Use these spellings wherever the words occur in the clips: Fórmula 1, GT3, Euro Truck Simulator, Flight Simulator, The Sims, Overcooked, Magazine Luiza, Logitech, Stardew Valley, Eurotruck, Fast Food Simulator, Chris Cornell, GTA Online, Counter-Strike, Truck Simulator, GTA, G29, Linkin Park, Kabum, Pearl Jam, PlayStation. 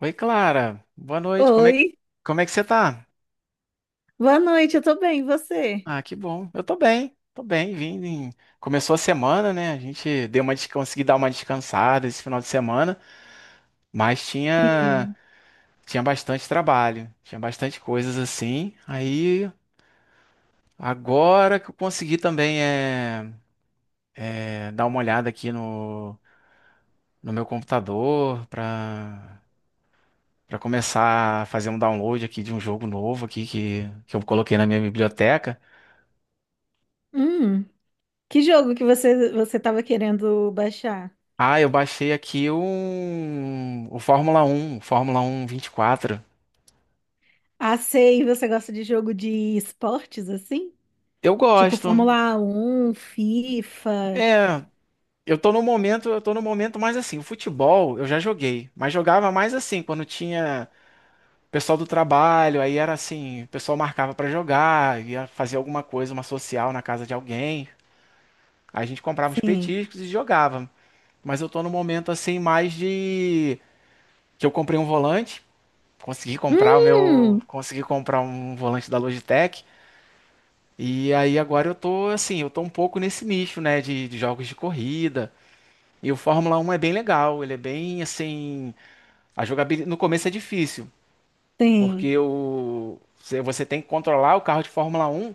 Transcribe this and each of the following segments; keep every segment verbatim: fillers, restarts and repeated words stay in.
Oi, Clara. Boa noite. Como é, Oi, como é que você tá? boa noite, eu tô bem, e você? Ah, que bom. Eu tô bem. Tô bem, vim. em- começou a semana, né? A gente deu uma, des- consegui dar uma descansada esse final de semana, mas tinha Sim. tinha bastante trabalho, tinha bastante coisas assim. Aí agora que eu consegui também é, é, dar uma olhada aqui no, no meu computador para para começar a fazer um download aqui de um jogo novo aqui que, que eu coloquei na minha biblioteca. Hum, que jogo que você você tava querendo baixar? Ah, eu baixei aqui o, o Fórmula um, Fórmula um vinte e quatro. Ah, sei, você gosta de jogo de esportes assim? Eu Tipo gosto. Fórmula um FIFA, É, eu tô no momento, eu tô no momento mais assim, o futebol eu já joguei, mas jogava mais assim, quando tinha pessoal do trabalho, aí era assim, o pessoal marcava pra jogar, ia fazer alguma coisa, uma social na casa de alguém. Aí a gente comprava uns sim. petiscos e jogava. Mas eu tô no momento assim mais de que eu comprei um volante, consegui comprar o meu, Hum, consegui comprar um volante da Logitech. E aí agora eu tô assim, eu tô um pouco nesse nicho, né, de, de jogos de corrida. E o Fórmula Um é bem legal, ele é bem assim, a jogabilidade no começo é difícil, sim. porque o você você tem que controlar o carro de Fórmula Um.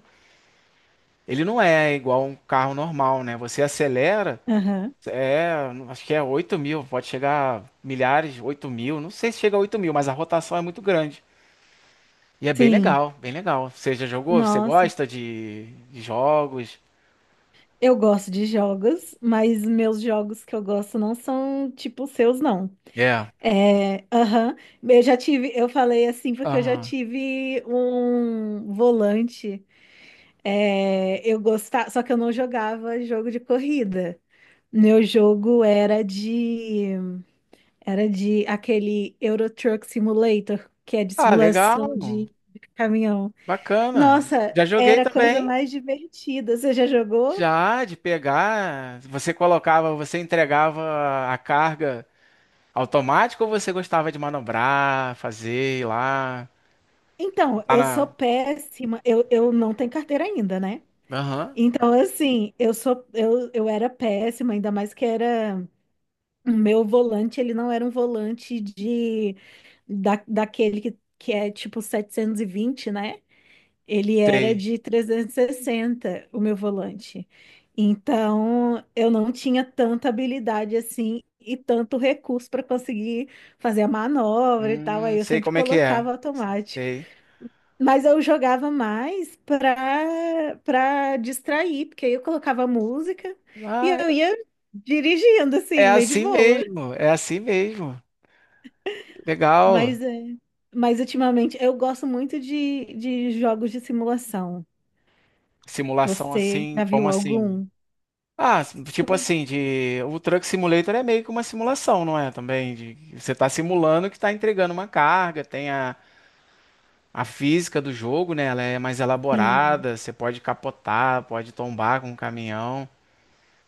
Ele não é igual um carro normal, né? Você acelera, Aham. é, acho que é oito mil, pode chegar a milhares, oito mil, não sei se chega a oito mil, mas a rotação é muito grande. E é bem Sim. legal, bem legal. Você já jogou? Você Nossa, gosta de, de jogos? eu gosto de jogos, mas meus jogos que eu gosto não são tipo os seus não. É. É, aham. Eu já tive, eu falei assim porque eu já Aham. tive um volante. É, eu gostava, só que eu não jogava jogo de corrida. Meu jogo era de, era de aquele Euro Truck Simulator, que é de Ah, legal, simulação de, de caminhão. bacana. Nossa, Já joguei era a coisa também, mais divertida. Você já jogou? já de pegar. Você colocava, você entregava a carga automática ou você gostava de manobrar, fazer ir lá? Então, Tá eu sou na. péssima. Eu, eu não tenho carteira ainda, né? Aham, Então, assim, eu sou eu, eu era péssima, ainda mais que era o meu volante, ele não era um volante de da, daquele que, que é tipo setecentos e vinte, né? Ele era sei. de trezentos e sessenta, o meu volante. Então, eu não tinha tanta habilidade assim e tanto recurso para conseguir fazer a manobra e tal. Hum, Aí eu sei sempre como é que é. colocava automático. Sei. Mas eu jogava mais para para distrair, porque aí eu colocava música e Ah, eu ia dirigindo, é assim, bem de assim boa. mesmo, é assim mesmo. Legal. Mas, é, mas ultimamente eu gosto muito de, de jogos de simulação. Simulação Você assim, já como viu assim? algum? Ah, tipo Sim, assim, de o Truck Simulator é meio que uma simulação, não é? Também de você tá simulando que tá entregando uma carga, tem a, a física do jogo, né? Ela é mais sim, elaborada, você pode capotar, pode tombar com o caminhão.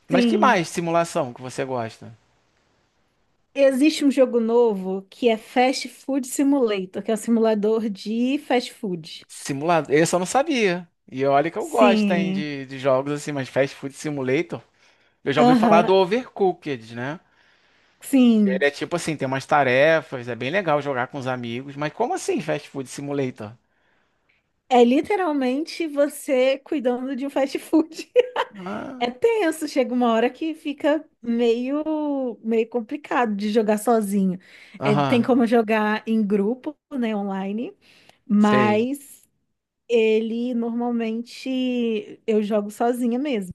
Mas que sim. mais simulação que você gosta? Existe um jogo novo que é Fast Food Simulator, que é um simulador de fast food. Simulado, esse eu não sabia. E olha que eu gosto, hein, Sim. de, de jogos assim, mas Fast Food Simulator. Eu já ouvi falar Aham, do Overcooked, né? Ele sim. é tipo assim, tem umas tarefas, é bem legal jogar com os amigos, mas como assim Fast Food Simulator? É literalmente você cuidando de um fast food. Ah, É tenso, chega uma hora que fica meio, meio complicado de jogar sozinho. É, tem aham, como jogar em grupo, né, online, sei. mas ele normalmente eu jogo sozinha mesmo.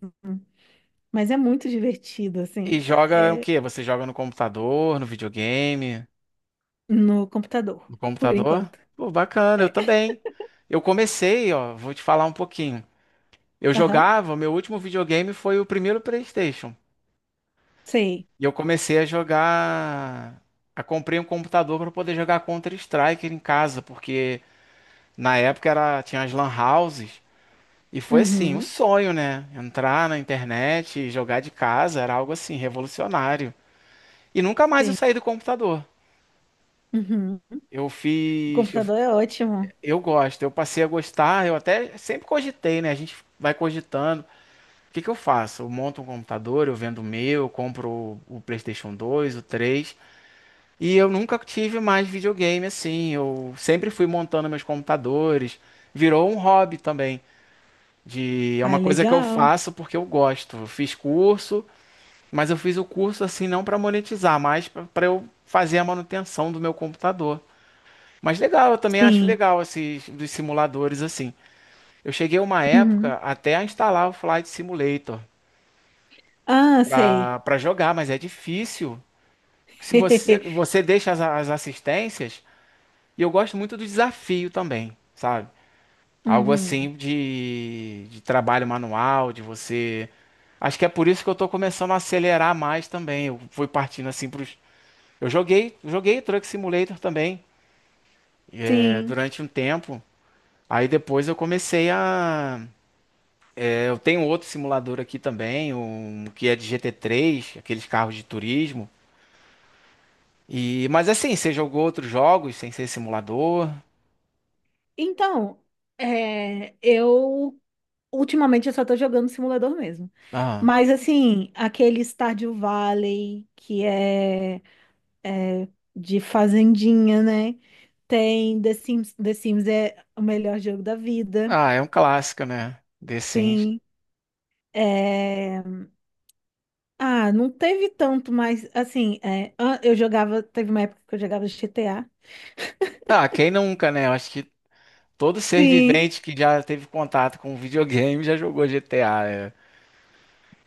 Mas é muito divertido, E assim, joga o é- é quê? Você joga no computador, no videogame? no computador, No por computador? enquanto. Pô, bacana, eu É. também. Eu comecei, ó, vou te falar um pouquinho. Eu Aham, jogava, meu último videogame foi o primeiro PlayStation. sei. E eu comecei a jogar. A comprei um computador para poder jogar Counter-Strike em casa, porque na época era tinha as lan houses. E foi assim, o Uhum, sonho, né? Entrar na internet e jogar de casa era algo assim, revolucionário. E nunca mais eu sim. saí do computador. Uhum. Eu O fiz. Eu, computador é ótimo. eu gosto, eu passei a gostar, eu até sempre cogitei, né? A gente vai cogitando. O que que eu faço? Eu monto um computador, eu vendo o meu, eu compro o, o PlayStation dois, o três. E eu nunca tive mais videogame assim. Eu sempre fui montando meus computadores. Virou um hobby também. De, é Ah, uma é coisa que eu legal. faço porque eu gosto. Eu fiz curso, mas eu fiz o curso assim não para monetizar, mas para eu fazer a manutenção do meu computador. Mas legal, eu também acho Sim. legal esses dos simuladores assim. Eu cheguei uma época Uhum. até a instalar o Flight Simulator Ah, sei. para para jogar, mas é difícil. Se você você deixa as, as assistências, e eu gosto muito do desafio também, sabe? Algo Uhum. assim de, de trabalho manual, de você. Acho que é por isso que eu tô começando a acelerar mais também. Eu fui partindo assim pros. Eu joguei, joguei Truck Simulator também, é, Sim. durante um tempo. Aí depois eu comecei a é, eu tenho outro simulador aqui também, um que é de G T três, aqueles carros de turismo. E mas assim, você jogou outros jogos sem ser simulador? Então, é, eu ultimamente eu só tô jogando simulador mesmo. Ah, Mas assim, aquele Stardew Valley que é, é de fazendinha, né? Tem The Sims, The Sims é o melhor jogo da vida. ah, é um clássico, né? The Sims. Sim. É, ah, não teve tanto, mas assim, é, an- eu jogava, teve uma época que eu jogava G T A. Ah, quem nunca, né? Eu acho que todo ser Sim, vivente que já teve contato com videogame já jogou G T A. É.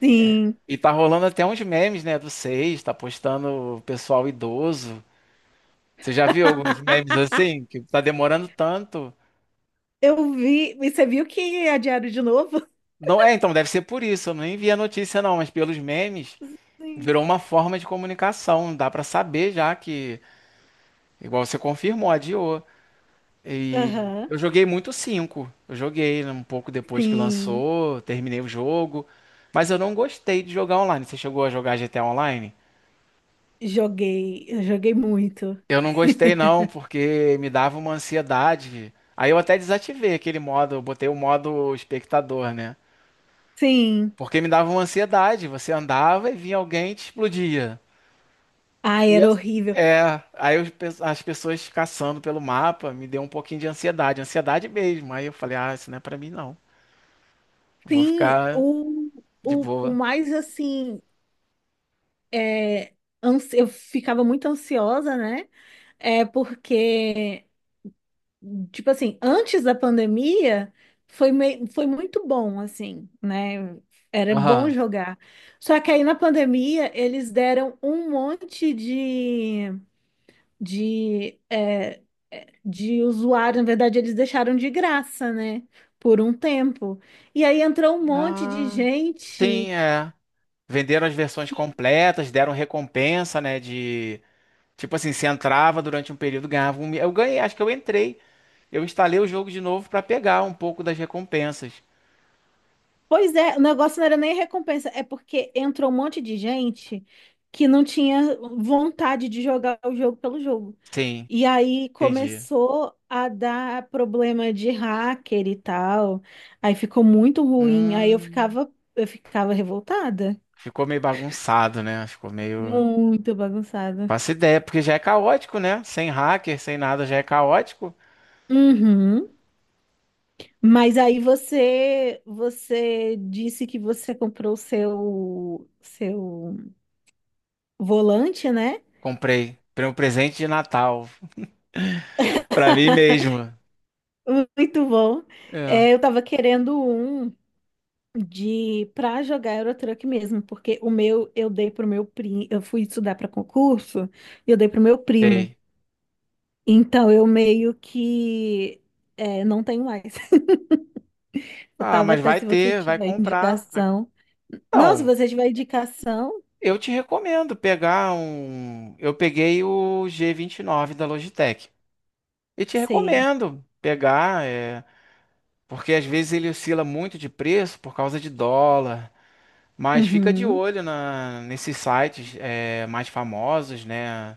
sim. E tá rolando até uns memes, né, do seis, tá postando o pessoal idoso. Você já viu alguns memes assim que tá demorando tanto? Eu vi. E você viu que é diário de novo? Não, é, então deve ser por isso. Eu nem vi a notícia não, mas pelos memes Sim. virou uma forma de comunicação, dá pra saber já que, igual você confirmou, adiou. E Aham. eu joguei muito o cinco, eu joguei um pouco depois que Sim. lançou, terminei o jogo, mas eu não gostei de jogar online. Você chegou a jogar G T A Online? Joguei. Eu joguei muito. Eu não gostei não, porque me dava uma ansiedade. Aí eu até desativei aquele modo, eu botei o modo espectador, né? Sim. Porque me dava uma ansiedade, você andava e vinha alguém e te explodia. Ai, E era as- horrível. é, aí eu pe- as pessoas caçando pelo mapa me deu um pouquinho de ansiedade, ansiedade mesmo. Aí eu falei, ah, isso não é pra mim não. Vou Sim, ficar o, de o, o boa. mais assim. É, ansi- eu ficava muito ansiosa, né? É porque, tipo assim, antes da pandemia, foi, mei- foi muito bom, assim, né? Era bom Aham. jogar. Só que aí na pandemia, eles deram um monte de. de, é, é, de usuário, na verdade, eles deixaram de graça, né? Por um tempo. E aí entrou um monte de Ah, gente sim, é. Venderam as versões que. completas, deram recompensa, né, de tipo assim, se entrava durante um período, ganhava um. mi- eu ganhei, acho que eu entrei. Eu instalei o jogo de novo pra pegar um pouco das recompensas. Pois é, o negócio não era nem recompensa, é porque entrou um monte de gente que não tinha vontade de jogar o jogo pelo jogo. Sim, E aí entendi. começou a dar problema de hacker e tal. Aí ficou muito ruim. Aí eu Hum, ficava, eu ficava revoltada, ficou meio bagunçado, né? Ficou meio muito bagunçada. faço ideia, porque já é caótico, né? Sem hacker, sem nada, já é caótico. Uhum. Mas aí você você disse que você comprou o seu seu volante, né? Comprei. Comprei um presente de Natal. Pra mim mesmo. Muito bom. É. É, eu tava querendo um de para jogar Euro Truck mesmo, porque o meu eu dei pro meu primo, eu fui estudar para concurso e eu dei pro meu primo. Sei. Então eu meio que é, não tenho mais. Eu Ah, tava mas até vai se você ter, vai tiver comprar. vai- indicação. Não, se Não, você tiver indicação, eu te recomendo pegar um. Eu peguei o G vinte e nove da Logitech. E te sei. recomendo pegar, é porque às vezes ele oscila muito de preço por causa de dólar. Mas fica de Uhum. olho na nesses sites é, mais famosos, né?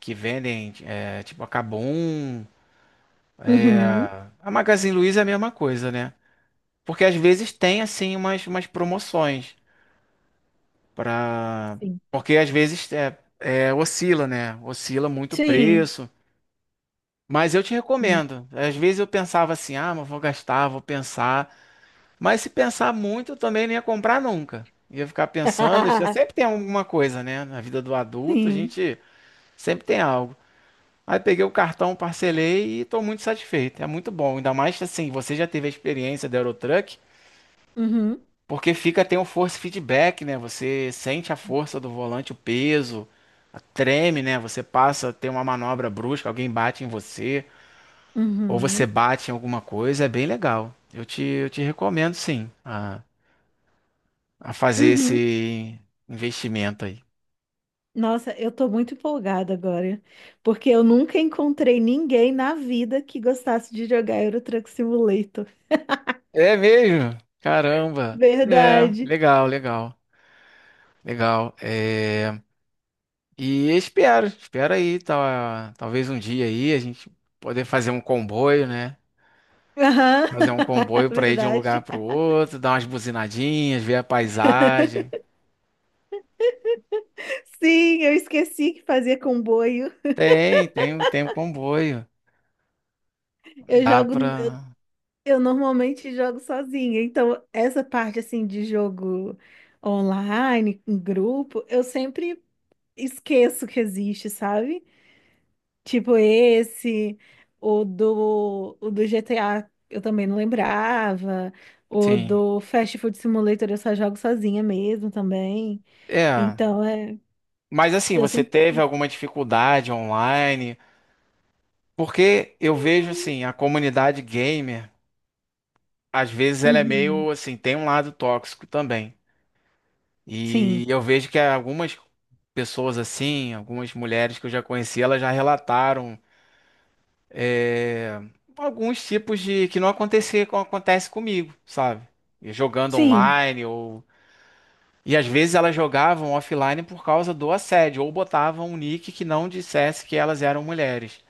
Que vendem, é, tipo a Kabum, é, Uhum. a Magazine Luiza é a mesma coisa, né? Porque às vezes tem assim umas, umas promoções para, Sim, porque às vezes é, é, oscila, né? Oscila muito o preço. Mas eu te sim, sim. recomendo. Às vezes eu pensava assim, ah, mas vou gastar, vou pensar. Mas se pensar muito, eu também não ia comprar nunca. Ia ficar pensando, sempre tem alguma coisa, né? Na vida do adulto, a Sim. gente sempre tem algo. Aí peguei o cartão, parcelei e tô muito satisfeito. É muito bom. Ainda mais assim, você já teve a experiência da Eurotruck, Uhum. porque fica, tem um force feedback, né? Você sente a força do volante, o peso, a- treme, né? Você passa, tem uma manobra brusca, alguém bate em você, ou você Uhum. bate em alguma coisa, é bem legal. Eu te, eu te recomendo sim a, a fazer Uhum. esse investimento aí. Nossa, eu tô muito empolgada agora, porque eu nunca encontrei ninguém na vida que gostasse de jogar Euro Truck Simulator. É mesmo? Caramba! É, Verdade. legal, legal, legal. É. E espero, espero aí, tá, talvez um dia aí a gente poder fazer um comboio, né? Aham. Fazer um comboio para ir de um lugar Verdade. para o outro, dar umas buzinadinhas, ver a paisagem. Sim, eu esqueci que fazia comboio. Tem, tem, tem um comboio. Eu Dá jogo, pra. eu eu normalmente jogo sozinha, então essa parte assim de jogo online, em grupo, eu sempre esqueço que existe, sabe? Tipo esse, o do, o do G T A eu também não lembrava, o Sim. do Fast Food Simulator eu só jogo sozinha mesmo também. É. Então é, Mas assim, eu você sempre. teve alguma dificuldade online? Porque eu vejo assim, a comunidade gamer, às vezes ela é Uhum. meio assim, tem um lado tóxico também. E Sim, eu vejo que algumas pessoas assim, algumas mulheres que eu já conheci, elas já relataram é, alguns tipos de que não acontecia, co- acontece comigo, sabe? E jogando sim, online ou e às vezes elas jogavam offline por causa do assédio ou botavam um nick que não dissesse que elas eram mulheres.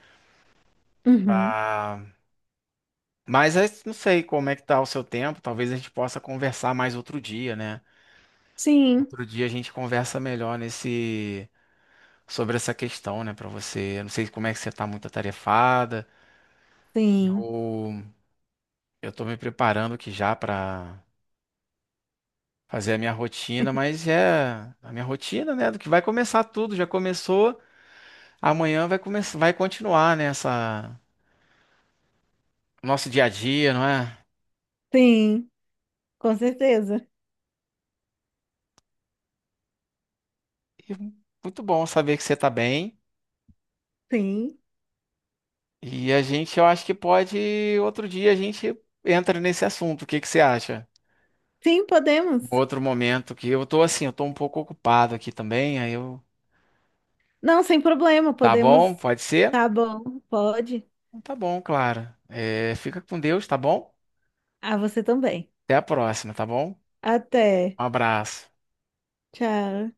uhum. Ah, mas eu não sei como é que tá o seu tempo, talvez a gente possa conversar mais outro dia, né? Sim, Outro dia a gente conversa melhor nesse sobre essa questão, né, pra você. Eu não sei como é que você tá muito atarefada. sim, Eu, eu tô me preparando aqui já pra fazer a minha rotina, mas é a minha rotina, né? Do que vai começar tudo, já começou, amanhã vai começar, vai continuar, né? Essa, nosso dia a dia, não é? sim, com certeza. E muito bom saber que você tá bem. Sim, E a gente, eu acho que pode, outro dia a gente entra nesse assunto. O que que você acha? sim, Um podemos. outro momento que eu tô assim, eu tô um pouco ocupado aqui também, aí eu, Não, sem problema, tá bom? podemos. Pode ser? Tá bom, pode. Então tá bom, claro. É, fica com Deus, tá bom? Ah, você também. Até a próxima, tá bom? Até. Um abraço. Tchau.